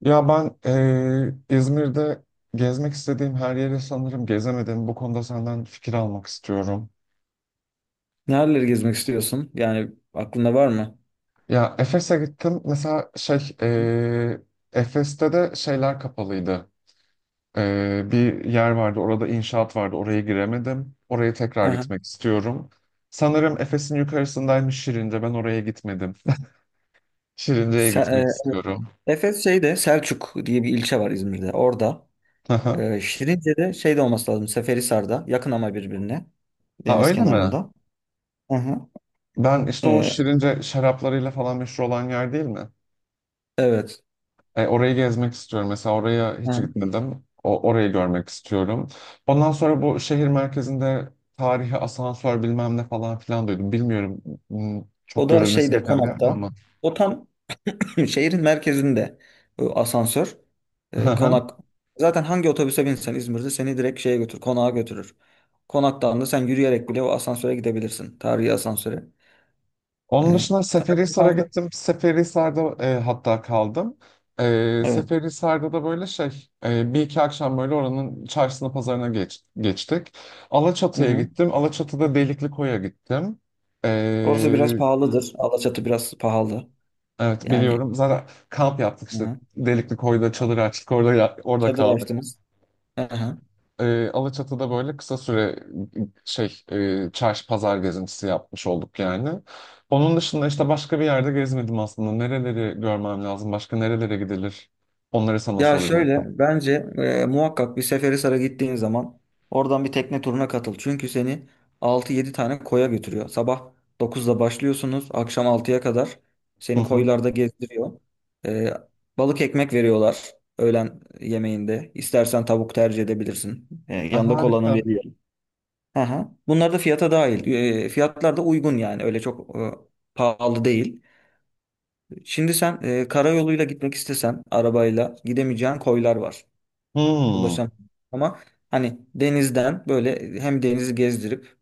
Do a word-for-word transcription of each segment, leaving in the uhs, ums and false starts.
Ya ben eee, İzmir'de gezmek istediğim her yeri sanırım gezemedim. Bu konuda senden fikir almak istiyorum. Nereleri gezmek istiyorsun? Yani aklında var mı? Ya Efes'e gittim. Mesela şey Hı hı. eee, Efes'te de şeyler kapalıydı. Eee, bir yer vardı. Orada inşaat vardı. Oraya giremedim. Oraya tekrar Aha. gitmek istiyorum. Sanırım Efes'in yukarısındaymış Şirince. Ben oraya gitmedim. Şirince'ye Se- gitmek istiyorum. e, Efes şeyde Selçuk diye bir ilçe var İzmir'de. Orada. E, Şirince'de şeyde olması lazım. Seferihisar'da. Yakın ama birbirine. Ha Deniz öyle mi? kenarında. Aha. Ben işte o E, Şirince şaraplarıyla falan meşhur olan yer değil mi? evet. E, orayı gezmek istiyorum. Mesela oraya hiç Aha. gitmedim. O, orayı görmek istiyorum. Ondan sonra bu şehir merkezinde tarihi asansör bilmem ne falan filan duydum. Bilmiyorum m, çok O da görülmesi şeyde gereken bir yer mi Konak'ta. ama. O tam. Şimdi şehrin merkezinde bu asansör, Hı e, hı. konak zaten hangi otobüse binsen İzmir'de seni direkt şeye götür konağa götürür. Konaktan da sen yürüyerek bile o asansöre gidebilirsin. Tarihi asansöre. E, Onun dışında tarihi Seferihisar'a asansör. gittim. Seferihisar'da e, hatta kaldım. E, Evet. Seferihisar'da da böyle şey e, bir iki akşam böyle oranın çarşısına pazarına geç, geçtik. Hı Alaçatı'ya hı. gittim. Alaçatı'da Delikli Koy'a gittim. Orası E, biraz pahalıdır. Alaçatı biraz pahalı. Evet Yani biliyorum. Zaten kamp yaptık hı işte. hı. Delikli Koy'da çadır açtık. Orada ya- orada Çadır kaldık. açtınız. Hı hı. Ee, Alaçatı'da böyle kısa süre şey e, çarşı pazar gezintisi yapmış olduk yani. Onun dışında işte başka bir yerde gezmedim aslında. Nereleri görmem lazım? Başka nerelere gidilir? Onları sana Ya şöyle soracaktım. bence e, muhakkak bir Seferihisar'a gittiğin zaman oradan bir tekne turuna katıl. Çünkü seni altı yedi tane koya götürüyor. Sabah dokuzda başlıyorsunuz akşam altıya kadar Hı seni hı. koylarda gezdiriyor. E, balık ekmek veriyorlar öğlen yemeğinde. İstersen tavuk tercih edebilirsin. E, Ay, yanında kolanı harika. veriyor. Aha. Bunlar da fiyata dahil. E, fiyatlar da uygun yani öyle çok e, pahalı değil. Şimdi sen e, karayoluyla gitmek istesen arabayla gidemeyeceğin koylar var, Hmm, ulaşamam. Ama hani denizden böyle e, hem denizi gezdirip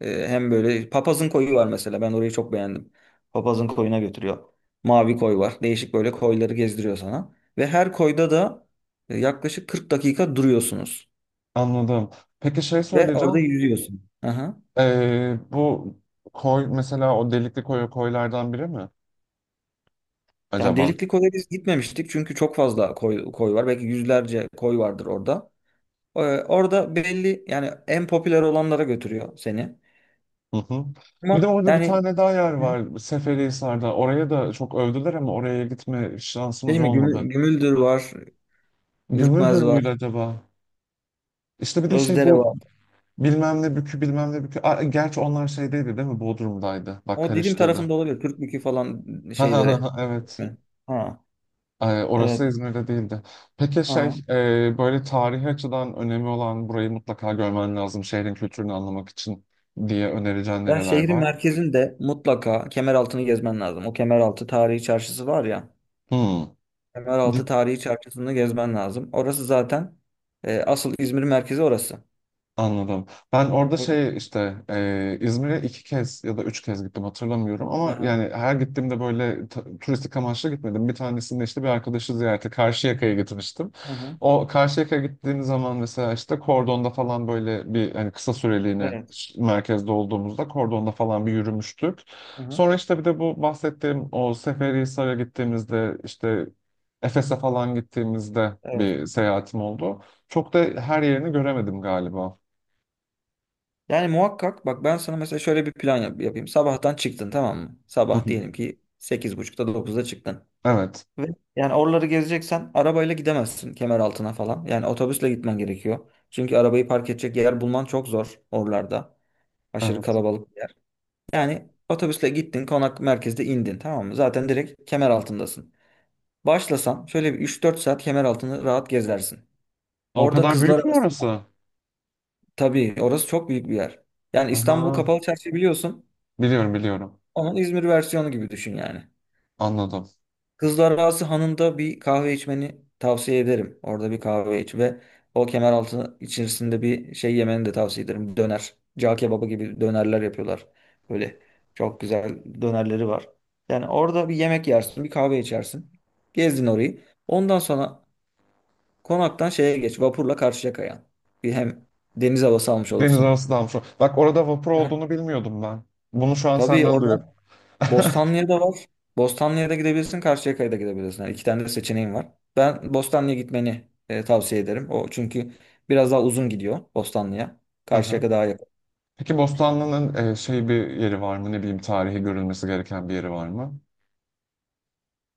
e, hem böyle papazın koyu var mesela. Ben orayı çok beğendim. Papazın koyuna götürüyor. Mavi koy var. Değişik böyle koyları gezdiriyor sana. Ve her koyda da e, yaklaşık kırk dakika duruyorsunuz. anladım. Peki şey Ve orada söyleyeceğim. yüzüyorsun. Aha. Ee, bu koy mesela o Delikli Koy'a koylardan biri mi Yani acaba? Delikli Koy'a biz gitmemiştik çünkü çok fazla koy, koy var. Belki yüzlerce koy vardır orada. Ee, orada belli yani en popüler olanlara götürüyor seni. Hı hı. Ama Bir de orada bir yani, tane daha yer var Seferihisar'da. Oraya da çok övdüler ama oraya gitme şansımız değil mi? olmadı. Gümü- Gümüldür var. Gümüldür Ürkmez müydü var. acaba? İşte bir de şey Özdere bu var. bilmem ne bükü bilmem ne bükü. Aa, gerçi onlar şeydeydi değil mi? Bodrum'daydı. Bak O Didim karıştırdı. tarafında olabilir. Türkmükü falan şeyleri. Evet. Hı. Ha, Ay, orası evet. İzmir'de değildi. Peki şey Ha. e, böyle tarihi açıdan önemi olan burayı mutlaka görmen lazım şehrin kültürünü anlamak için diye önereceğin Ya nereler şehrin var? merkezinde mutlaka Kemeraltı'nı gezmen lazım. O Kemeraltı Tarihi Çarşısı var ya. Hmm. Kemeraltı Tarihi Çarşısı'nı gezmen lazım. Orası zaten e, asıl İzmir'in merkezi orası. Anladım. Ben orada O- şey işte e, İzmir'e iki kez ya da üç kez gittim hatırlamıyorum Hı ama hı. yani her gittiğimde böyle ta- turistik amaçlı gitmedim. Bir tanesinde işte bir arkadaşı ziyarete Karşıyaka'ya gitmiştim. Hı hı. O Karşıyaka'ya gittiğim zaman mesela işte Kordon'da falan böyle bir hani kısa süreliğine Evet. ş- merkezde olduğumuzda Kordon'da falan bir yürümüştük. Hı hı. Sonra işte bir de bu bahsettiğim o Seferihisar'a gittiğimizde işte Efes'e falan gittiğimizde Evet. bir seyahatim oldu. Çok da her yerini göremedim galiba. Yani muhakkak bak ben sana mesela şöyle bir plan yap- yapayım. Sabahtan çıktın, tamam mı? Hı Sabah hı. diyelim ki sekiz buçukta dokuzda çıktın. Evet, Ve yani oraları gezeceksen arabayla gidemezsin kemer altına falan. Yani otobüsle gitmen gerekiyor. Çünkü arabayı park edecek yer bulman çok zor oralarda. Aşırı evet. kalabalık bir yer. Yani otobüsle gittin, konak merkezde indin, tamam mı? Zaten direkt kemer altındasın. Başlasan şöyle bir üç dört saat kemer altını rahat gezersin. O Orada kadar kızlar büyük mü arasında, orası? tabii orası çok büyük bir yer. Yani İstanbul Aha, Kapalı Çarşı biliyorsun. biliyorum biliyorum. Onun İzmir versiyonu gibi düşün yani. Anladım. Kızlar Ağası Hanı'nda bir kahve içmeni tavsiye ederim. Orada bir kahve iç ve o Kemeraltı içerisinde bir şey yemeni de tavsiye ederim. Döner. Cağ kebabı gibi dönerler yapıyorlar. Böyle çok güzel dönerleri var. Yani orada bir yemek yersin, bir kahve içersin. Gezdin orayı. Ondan sonra konaktan şeye geç, vapurla Karşıyaka'ya. Bir hem deniz havası almış Deniz olursun. arası dalmış. o- Bak orada vapur Aha. olduğunu bilmiyordum ben. Bunu şu an Tabii senden duyuyorum. orada Bostanlı'ya da var. Bostanlı'ya da gidebilirsin, Karşıyaka'ya da gidebilirsin. Yani iki tane de seçeneğin var. Ben Bostanlı'ya gitmeni e, tavsiye ederim. O çünkü biraz daha uzun gidiyor Bostanlı'ya. Aha. Karşıyaka daha yakın. Peki Bostanlı'nın e, şey bir yeri var mı? Ne bileyim tarihi görülmesi gereken bir yeri var mı?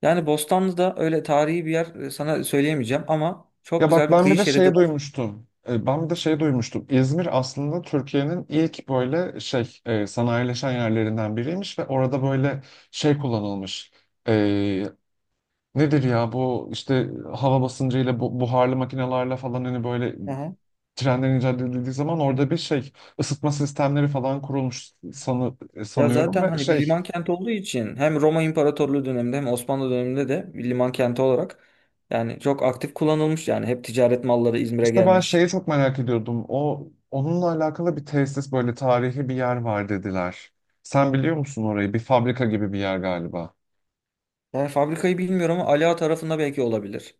Yani Bostanlı'da öyle tarihi bir yer e, sana söyleyemeyeceğim ama çok Ya bak güzel bir ben bir kıyı de şeridi şey var. duymuştum. E, ben bir de şey duymuştum. İzmir aslında Türkiye'nin ilk böyle şey e, sanayileşen yerlerinden biriymiş ve orada böyle şey kullanılmış. E, Nedir ya bu işte hava basıncıyla bu, buharlı makinelerle falan hani böyle Aha. trenlerin icat edildiği zaman orada bir şey ısıtma sistemleri falan kurulmuş sanı, Ya sanıyorum zaten ve hani bir şey liman kenti olduğu için hem Roma İmparatorluğu döneminde hem Osmanlı döneminde de bir liman kenti olarak, yani çok aktif kullanılmış, yani hep ticaret malları İzmir'e işte ben gelmiş. şeyi çok merak ediyordum. O onunla alakalı bir tesis böyle tarihi bir yer var dediler. Sen biliyor musun orayı? Bir fabrika gibi bir yer galiba. Yani fabrikayı bilmiyorum ama Ali Ağa tarafında belki olabilir.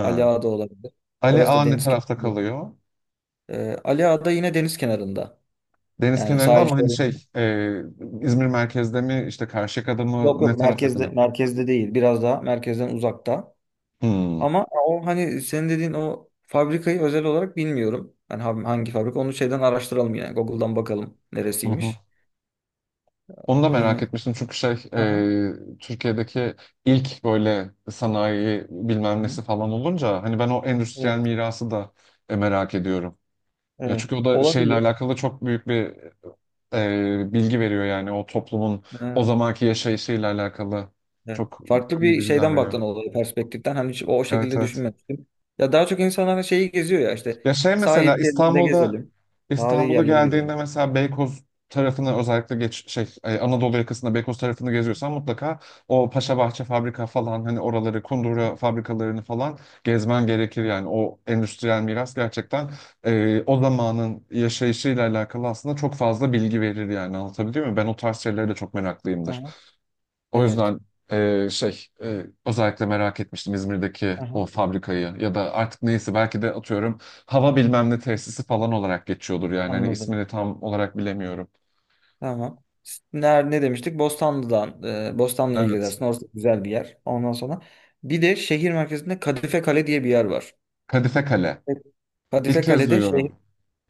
Ali Ağa'da olabilir. Ali Orası Ağa da ne deniz tarafta kenarında. kalıyor? Ee, Ali Ağa'da yine deniz kenarında. Deniz Yani kenarında sahil ama hani şey şeridi. e, İzmir merkezde mi işte Karşıyaka'da Yok mı ne yok, tarafta merkezde kalıyor? merkezde değil. Biraz daha merkezden uzakta. Hmm. Ama o hani senin dediğin o fabrikayı özel olarak bilmiyorum. Yani ha- hangi fabrika onu şeyden araştıralım, yani Google'dan bakalım neresiymiş. Onu da merak Ee, etmiştim çünkü şey aha. e, Türkiye'deki ilk böyle sanayi bilmem Hı. nesi falan olunca hani ben o endüstriyel Evet, mirası da e, merak ediyorum. Ya evet. çünkü o da şeyle Olabilir. alakalı çok büyük bir e, bilgi veriyor yani o toplumun o Ee, zamanki yaşayışıyla alakalı Evet. çok Farklı iyi bir bilgiler şeyden veriyor. baktın olaya, perspektiften. Hani hiç o, o Evet şekilde evet. düşünmemiştim. Ya daha çok insanlar hani şeyi geziyor ya, işte Ya şey sahil mesela şeridinde İstanbul'da gezelim. Tarihi İstanbul'a yerleri geldiğinde gezelim. mesela Beykoz tarafını özellikle geç şey e, Anadolu yakasında Beykoz tarafını geziyorsan mutlaka o Paşabahçe fabrika falan hani oraları Hı hı. Kundura fabrikalarını falan gezmen gerekir yani o endüstriyel miras gerçekten e, o zamanın yaşayışıyla alakalı aslında çok fazla bilgi verir yani anlatabiliyor muyum? Ben o tarz şeylere de çok meraklıyımdır. Aha, O evet. yüzden e, şey e, özellikle merak etmiştim İzmir'deki Aha, o fabrikayı ya da artık neyse belki de atıyorum hava bilmem ne tesisi falan olarak geçiyordur yani hani anladım. ismini tam olarak bilemiyorum. Tamam. Ne, er, ne demiştik? Bostanlı'dan. E, Bostanlı'ya Evet. gidersin. Orası güzel bir yer. Ondan sonra bir de şehir merkezinde Kadife Kale diye bir yer var. Kadife Kale. Evet. İlk Kadife kez Kale'de duyuyorum. şey,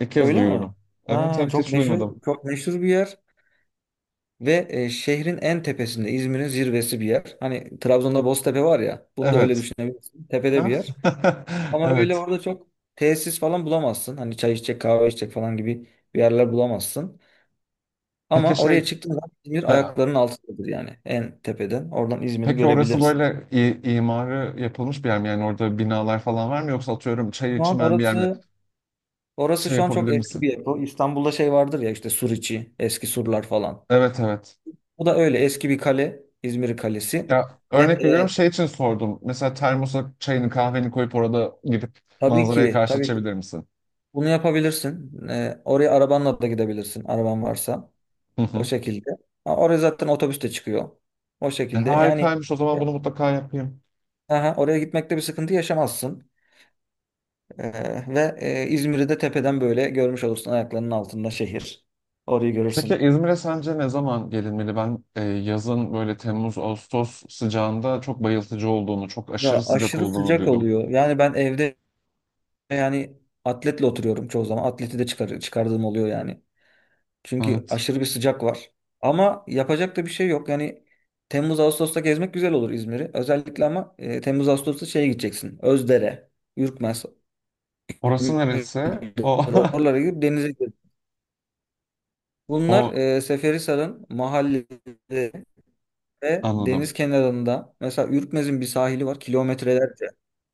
İlk kez öyle mi? duyuyorum. Evet Ha, evet çok hiç meşhur duymadım. çok meşhur bir yer. Ve e, şehrin en tepesinde, İzmir'in zirvesi bir yer. Hani Trabzon'da Boztepe var ya. Bunu da öyle Evet. düşünebilirsin. Tepede bir Ah. yer. Ama öyle Evet. orada çok tesis falan bulamazsın. Hani çay içecek, kahve içecek falan gibi bir yerler bulamazsın. Peki Ama şey oraya çıktığın zaman İzmir ha, ayaklarının altındadır yani. En tepeden. Oradan İzmir'i peki orası görebilirsin. böyle i- imarı yapılmış bir yer mi? Yani orada binalar falan var mı yoksa atıyorum çay Şu an içmen bir yer mi? orası orası Şey şu an çok yapabilir eski misin? bir yapı. İstanbul'da şey vardır ya, işte sur içi, eski surlar falan. Evet evet. Bu da öyle eski bir kale, İzmir Kalesi Ya ve örnek veriyorum e, şey için sordum. Mesela termosa çayını kahveni koyup orada gidip tabii manzaraya ki karşı tabii ki içebilir misin? bunu yapabilirsin. Ee, oraya arabanla da gidebilirsin, araban varsa. Hı O hı. şekilde. Ha, oraya zaten otobüs de çıkıyor. O E, şekilde. Yani harikaymış o e, zaman bunu mutlaka yapayım. aha, oraya gitmekte bir sıkıntı yaşamazsın. Ee, ve e, İzmir'i de tepeden böyle görmüş olursun. Ayaklarının altında şehir. Orayı Peki görürsün. İzmir'e sence ne zaman gelinmeli? Ben e, yazın böyle Temmuz, Ağustos sıcağında çok bayıltıcı olduğunu, çok aşırı Ya sıcak aşırı olduğunu sıcak duydum. oluyor. Yani ben evde yani atletle oturuyorum çoğu zaman. Atleti de çıkar, çıkardığım oluyor yani. Çünkü Evet. aşırı bir sıcak var. Ama yapacak da bir şey yok. Yani Temmuz Ağustos'ta gezmek güzel olur İzmir'i. Özellikle ama e, Temmuz Ağustos'ta şeye gideceksin. Özdere, Ürkmez, Orası neresi? O, oralara gidip denize gir. Bunlar o e, Seferihisar'ın mahallede ve anladım, deniz kenarında. Mesela Ürkmez'in bir sahili var kilometrelerce.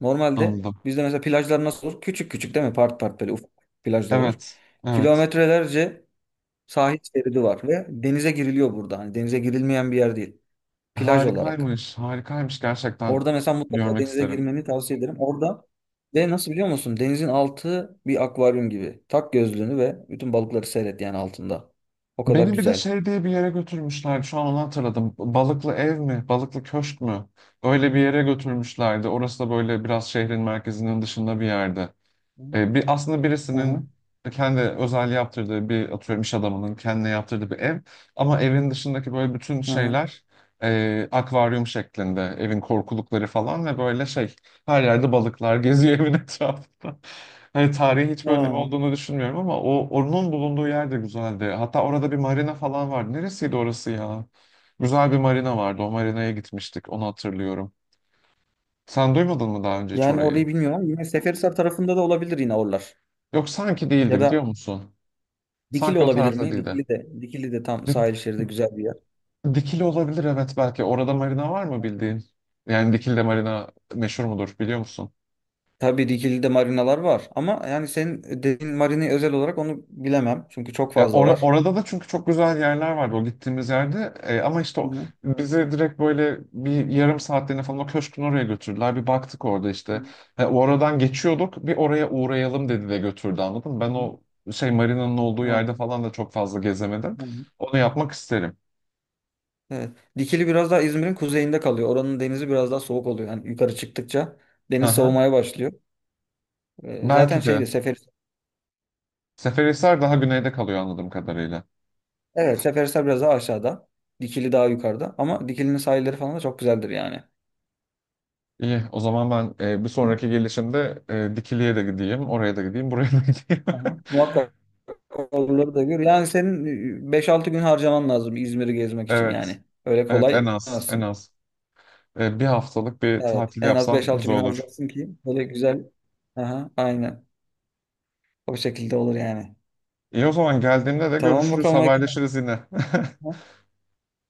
Normalde anladım. bizde mesela plajlar nasıl olur? Küçük küçük, değil mi? Part part böyle ufak plajlar olur. Evet, evet. Kilometrelerce sahil şeridi var ve denize giriliyor burada. Hani denize girilmeyen bir yer değil. Plaj olarak. Harikaymış, harikaymış gerçekten Orada mesela mutlaka görmek denize isterim. girmeni tavsiye ederim. Orada ve nasıl, biliyor musun? Denizin altı bir akvaryum gibi. Tak gözlüğünü ve bütün balıkları seyret yani altında. O kadar Beni bir de güzel. şey diye bir yere götürmüşlerdi. Şu an onu hatırladım. Balıklı ev mi? Balıklı köşk mü? Öyle bir yere götürmüşlerdi. Orası da böyle biraz şehrin merkezinin dışında bir yerde. Hı E, bir aslında hı. birisinin kendi özel yaptırdığı bir atıyorum iş adamının kendine yaptırdığı bir ev ama evin dışındaki böyle bütün Hı hı. şeyler e, akvaryum şeklinde evin korkulukları falan ve böyle şey her yerde balıklar geziyor evin etrafında. Hani tarihi hiç önemi Aa. olduğunu düşünmüyorum ama o onun bulunduğu yer de güzeldi. Hatta orada bir marina falan vardı. Neresiydi orası ya? Güzel bir marina vardı. O marinaya gitmiştik. Onu hatırlıyorum. Sen duymadın mı daha önce hiç Yani orayı? orayı bilmiyorum ama yine Seferihisar tarafında da olabilir yine oralar. Yok sanki değildi Ya biliyor da musun? Dikili Sanki o olabilir tarafta mi? değildi. Dikili de Dikili de tam Dik, sahil şeridi güzel bir yer. Dikili olabilir evet belki. Orada marina var mı bildiğin? Yani Dikili'de marina meşhur mudur biliyor musun? Tabii Rigil'de marinalar var ama yani senin dediğin marinayı özel olarak onu bilemem. Çünkü çok Ya fazla ora- var. orada da çünkü çok güzel yerler vardı o gittiğimiz yerde. E, ama işte Hı o, hı. bizi direkt böyle bir yarım saatliğine falan o köşkün oraya götürdüler. Bir baktık orada işte. Ha, oradan geçiyorduk bir oraya uğrayalım dedi de götürdü anladın mı? Ben Hı hı. o şey marinanın olduğu Evet. yerde falan da çok fazla gezemedim. Hı hı. Onu yapmak isterim. Evet. Dikili biraz daha İzmir'in kuzeyinde kalıyor. Oranın denizi biraz daha soğuk oluyor. Yani yukarı çıktıkça Hı deniz hı. soğumaya başlıyor. Ee, zaten Belki de. şeydi Sefer Seferihisar daha güneyde kalıyor anladığım kadarıyla. Evet, Seferihisar biraz daha aşağıda. Dikili daha yukarıda. Ama Dikili'nin sahilleri falan da çok güzeldir yani. İyi, o zaman ben e, bir Değil mi? sonraki gelişimde e, Dikili'ye de gideyim, oraya da gideyim, buraya da gideyim. Aha. Muhakkak oraları da gör. Yani senin e, beş altı gün harcaman lazım İzmir'i gezmek için Evet, yani. Öyle evet kolay en az, en gidemezsin. az. E, bir haftalık bir Evet. tatil En az beş yapsam altı güzel gün olur. harcarsın ki böyle güzel. Aha, aynen. O şekilde olur yani. İyi o zaman geldiğimde de Tamam görüşürüz, bakalım. Ege. haberleşiriz yine. Ha,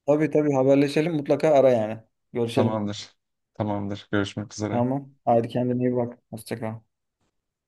tabii tabii haberleşelim. Mutlaka ara yani. Görüşelim. Tamamdır, tamamdır. Görüşmek üzere. Tamam. Haydi kendine iyi bak. Hoşça kal.